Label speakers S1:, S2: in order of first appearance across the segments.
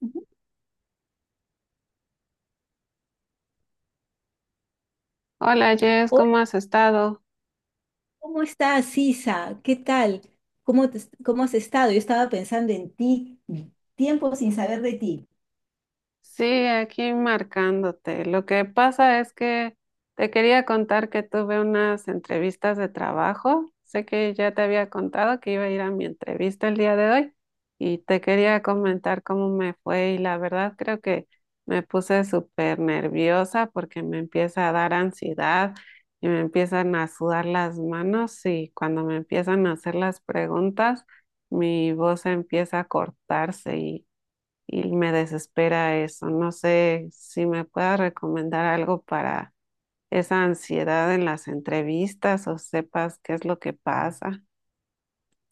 S1: Ujú.
S2: Hola Jess, ¿cómo
S1: Hola,
S2: has estado?
S1: ¿cómo estás, Sisa? ¿Qué tal? ¿Cómo, te- cómo has estado? Yo estaba pensando en ti, tiempo sin saber de ti.
S2: Sí, aquí marcándote. Lo que pasa es que te quería contar que tuve unas entrevistas de trabajo. Sé que ya te había contado que iba a ir a mi entrevista el día de hoy y te quería comentar cómo me fue y la verdad creo que me puse súper nerviosa porque me empieza a dar ansiedad y me empiezan a sudar las manos y cuando me empiezan a hacer las preguntas mi voz empieza a cortarse y me desespera eso. No sé si me puedas recomendar algo para esa ansiedad en las entrevistas o sepas qué es lo que pasa.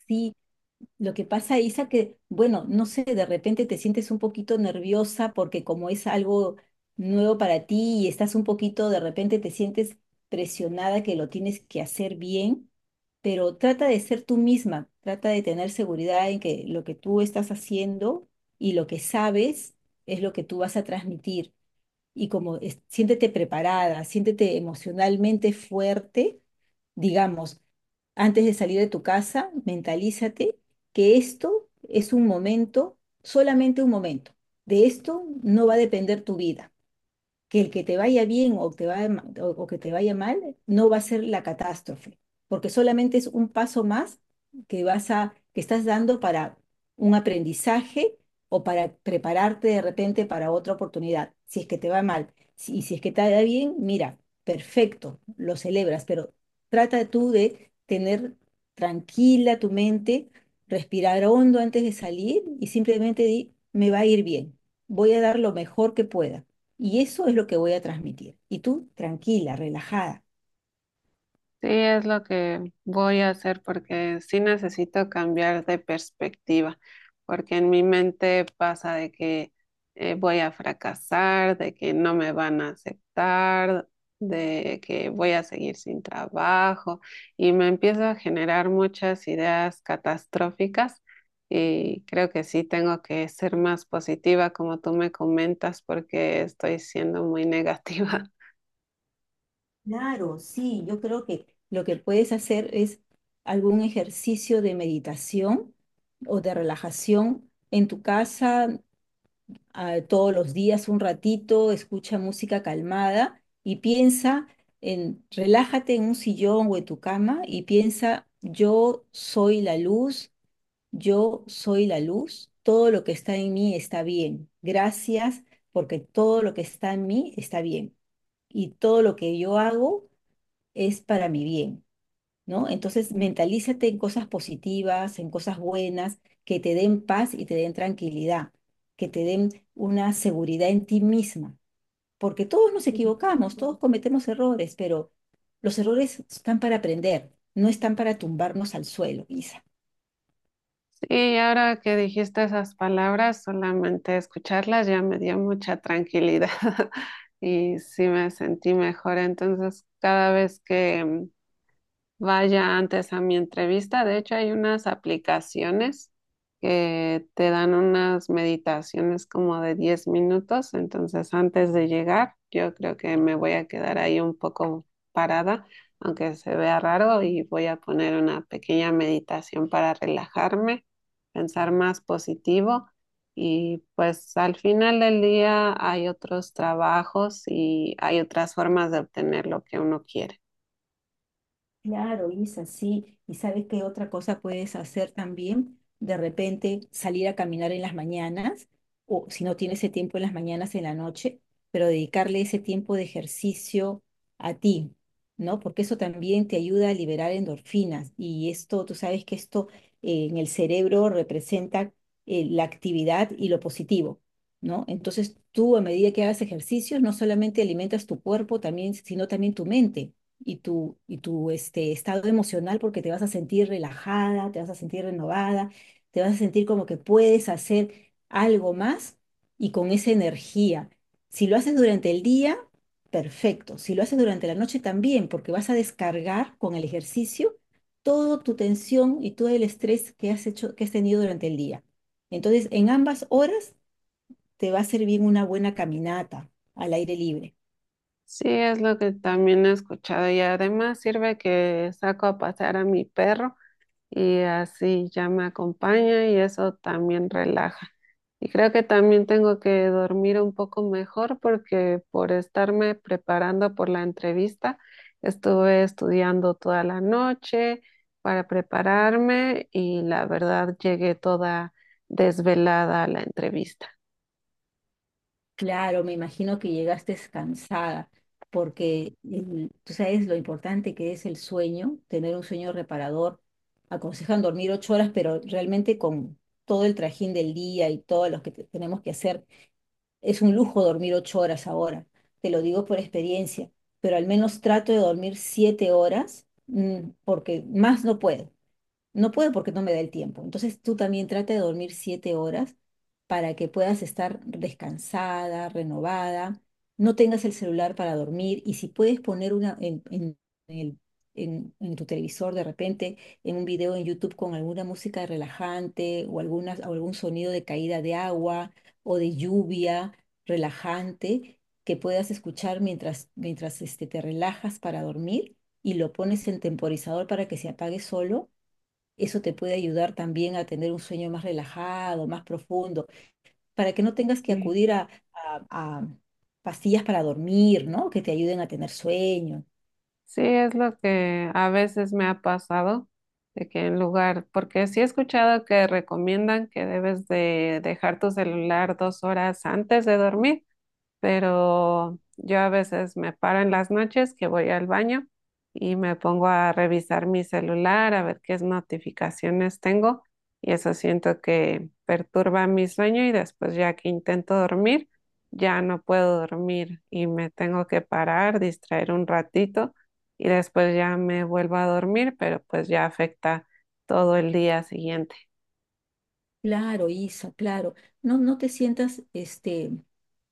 S1: Sí. Lo que pasa, Isa, que, bueno, no sé, de repente te sientes un poquito nerviosa porque como es algo nuevo para ti y estás un poquito, de repente te sientes presionada que lo tienes que hacer bien, pero trata de ser tú misma, trata de tener seguridad en que lo que tú estás haciendo y lo que sabes es lo que tú vas a transmitir. Y siéntete preparada, siéntete emocionalmente fuerte, digamos, antes de salir de tu casa. Mentalízate que esto es un momento, solamente un momento. De esto no va a depender tu vida, que el que te vaya bien o, o que te vaya mal, no va a ser la catástrofe, porque solamente es un paso más que estás dando para un aprendizaje o para prepararte de repente para otra oportunidad. Si es que te va mal, y si es que te va bien, mira, perfecto, lo celebras. Pero trata tú de tener tranquila tu mente, respirar hondo antes de salir y simplemente di: me va a ir bien, voy a dar lo mejor que pueda. Y eso es lo que voy a transmitir. Y tú, tranquila, relajada.
S2: Sí, es lo que voy a hacer porque sí necesito cambiar de perspectiva, porque en mi mente pasa de que voy a fracasar, de que no me van a aceptar, de que voy a seguir sin trabajo y me empiezo a generar muchas ideas catastróficas y creo que sí tengo que ser más positiva como tú me comentas porque estoy siendo muy negativa.
S1: Claro, sí, yo creo que lo que puedes hacer es algún ejercicio de meditación o de relajación en tu casa, todos los días un ratito. Escucha música calmada y relájate en un sillón o en tu cama y piensa: yo soy la luz. Yo soy la luz, todo lo que está en mí está bien. Gracias, porque todo lo que está en mí está bien y todo lo que yo hago es para mi bien, ¿no? Entonces, mentalízate en cosas positivas, en cosas buenas, que te den paz y te den tranquilidad, que te den una seguridad en ti misma, porque todos nos equivocamos, todos cometemos errores, pero los errores están para aprender, no están para tumbarnos al suelo, Isa.
S2: Sí, ahora que dijiste esas palabras, solamente escucharlas ya me dio mucha tranquilidad y sí me sentí mejor. Entonces, cada vez que vaya antes a mi entrevista. De hecho, hay unas aplicaciones que te dan unas meditaciones como de 10 minutos. Entonces, antes de llegar, yo creo que me voy a quedar ahí un poco parada, aunque se vea raro, y voy a poner una pequeña meditación para relajarme, pensar más positivo. Y pues al final del día hay otros trabajos y hay otras formas de obtener lo que uno quiere.
S1: Claro, Isa, sí. ¿Y sabes qué otra cosa puedes hacer también? De repente salir a caminar en las mañanas, o si no tienes ese tiempo en las mañanas, en la noche, pero dedicarle ese tiempo de ejercicio a ti, ¿no? Porque eso también te ayuda a liberar endorfinas. Y esto, tú sabes que esto, en el cerebro, representa la actividad y lo positivo, ¿no? Entonces tú, a medida que hagas ejercicios, no solamente alimentas tu cuerpo, también, sino también tu mente y tu estado emocional, porque te vas a sentir relajada, te vas a sentir renovada, te vas a sentir como que puedes hacer algo más y con esa energía. Si lo haces durante el día, perfecto. Si lo haces durante la noche también, porque vas a descargar con el ejercicio toda tu tensión y todo el estrés que has tenido durante el día. Entonces, en ambas horas te va a servir una buena caminata al aire libre.
S2: Sí, es lo que también he escuchado y además sirve que saco a pasear a mi perro y así ya me acompaña y eso también relaja. Y creo que también tengo que dormir un poco mejor porque por estarme preparando por la entrevista estuve estudiando toda la noche para prepararme y la verdad llegué toda desvelada a la entrevista.
S1: Claro, me imagino que llegaste cansada, porque tú sabes lo importante que es el sueño, tener un sueño reparador. Aconsejan dormir ocho horas, pero realmente con todo el trajín del día y todo lo que tenemos que hacer, es un lujo dormir ocho horas ahora. Te lo digo por experiencia, pero al menos trato de dormir siete horas, porque más no puedo. No puedo porque no me da el tiempo. Entonces tú también trata de dormir siete horas para que puedas estar descansada, renovada. No tengas el celular para dormir, y si puedes poner una el- en tu televisor de repente, en un video en YouTube con alguna música relajante, o algún sonido de caída de agua o de lluvia relajante que puedas escuchar mientras, te relajas para dormir, y lo pones en temporizador para que se apague solo. Eso te puede ayudar también a tener un sueño más relajado, más profundo, para que no tengas que
S2: Sí.
S1: acudir a, pastillas para dormir, ¿no? Que te ayuden a tener sueño.
S2: Sí, es lo que a veces me ha pasado, de que en lugar, porque sí he escuchado que recomiendan que debes de dejar tu celular 2 horas antes de dormir, pero yo a veces me paro en las noches que voy al baño y me pongo a revisar mi celular, a ver qué notificaciones tengo y eso siento que perturba mi sueño y después ya que intento dormir, ya no puedo dormir y me tengo que parar, distraer un ratito y después ya me vuelvo a dormir, pero pues ya afecta todo el día siguiente.
S1: Claro, Isa, claro. No, no te sientas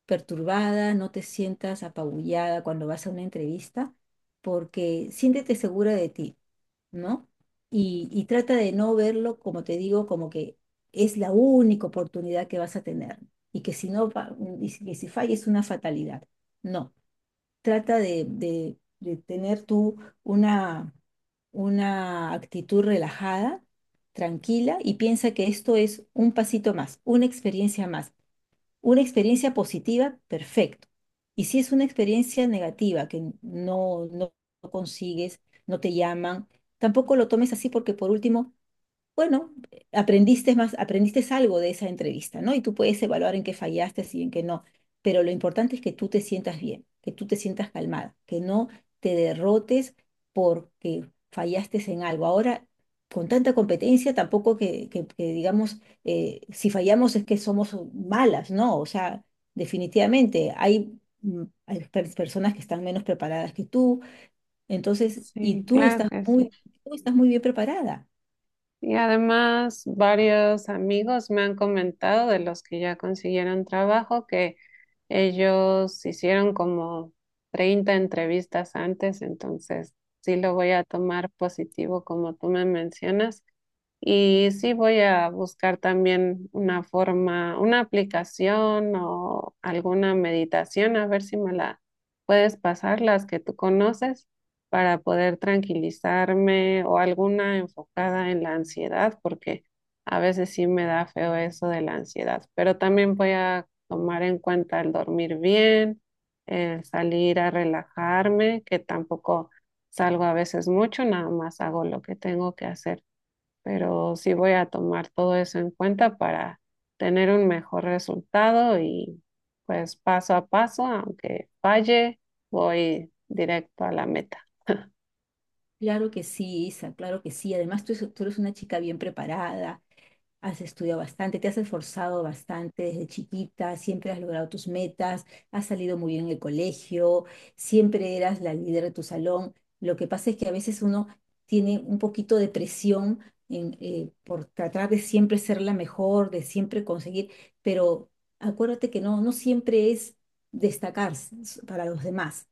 S1: perturbada, no te sientas apabullada cuando vas a una entrevista, porque siéntete segura de ti, ¿no? Y trata de no verlo, como te digo, como que es la única oportunidad que vas a tener y que si no, que si falla, es una fatalidad. No, trata de tener tú una una actitud relajada, tranquila, y piensa que esto es un pasito más, una experiencia más. Una experiencia positiva, perfecto. Y si es una experiencia negativa, que no, no consigues, no te llaman, tampoco lo tomes así, porque por último, bueno, aprendiste más, aprendiste algo de esa entrevista, ¿no? Y tú puedes evaluar en qué fallaste y en qué no. Pero lo importante es que tú te sientas bien, que tú te sientas calmada, que no te derrotes porque fallaste en algo. Ahora, con tanta competencia, tampoco que digamos, si fallamos es que somos malas, ¿no? O sea, definitivamente hay, hay personas que están menos preparadas que tú. Entonces, y
S2: Sí,
S1: tú
S2: claro
S1: estás
S2: que sí.
S1: muy, tú estás muy bien preparada.
S2: Y además, varios amigos me han comentado de los que ya consiguieron trabajo que ellos hicieron como 30 entrevistas antes, entonces sí lo voy a tomar positivo como tú me mencionas y sí voy a buscar también una forma, una aplicación o alguna meditación, a ver si me la puedes pasar, las que tú conoces, para poder tranquilizarme o alguna enfocada en la ansiedad, porque a veces sí me da feo eso de la ansiedad. Pero también voy a tomar en cuenta el dormir bien, el salir a relajarme, que tampoco salgo a veces mucho, nada más hago lo que tengo que hacer, pero sí voy a tomar todo eso en cuenta para tener un mejor resultado y pues paso a paso, aunque falle, voy directo a la meta.
S1: Claro que sí, Isa, claro que sí. Además, tú eres una chica bien preparada, has estudiado bastante, te has esforzado bastante desde chiquita, siempre has logrado tus metas, has salido muy bien en el colegio, siempre eras la líder de tu salón. Lo que pasa es que a veces uno tiene un poquito de presión por tratar de siempre ser la mejor, de siempre conseguir, pero acuérdate que no, no siempre es destacarse para los demás.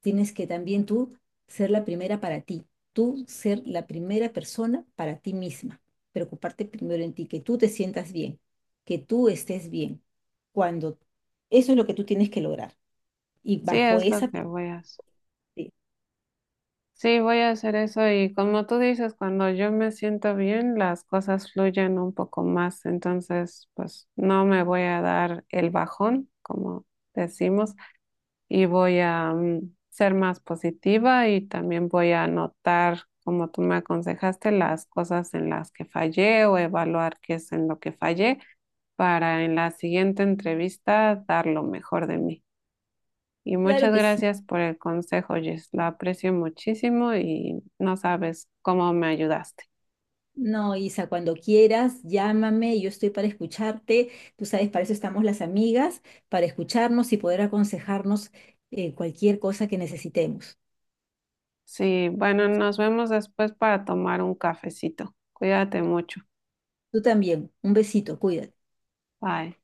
S1: Tienes que también tú ser la primera para ti, tú ser la primera persona para ti misma, preocuparte primero en ti, que tú te sientas bien, que tú estés bien. Cuando, eso es lo que tú tienes que lograr. Y
S2: Sí,
S1: bajo
S2: es lo
S1: esa
S2: que
S1: parte,
S2: voy a hacer. Sí, voy a hacer eso y como tú dices, cuando yo me siento bien, las cosas fluyen un poco más, entonces pues no me voy a dar el bajón, como decimos, y voy a ser más positiva y también voy a anotar, como tú me aconsejaste, las cosas en las que fallé o evaluar qué es en lo que fallé para en la siguiente entrevista dar lo mejor de mí. Y
S1: claro
S2: muchas
S1: que sí.
S2: gracias por el consejo, Jess. Lo aprecio muchísimo y no sabes cómo me ayudaste.
S1: No, Isa, cuando quieras, llámame, yo estoy para escucharte. Tú sabes, para eso estamos las amigas, para escucharnos y poder aconsejarnos cualquier cosa que necesitemos.
S2: Sí, bueno, nos vemos después para tomar un cafecito. Cuídate mucho.
S1: Tú también, un besito, cuídate.
S2: Bye.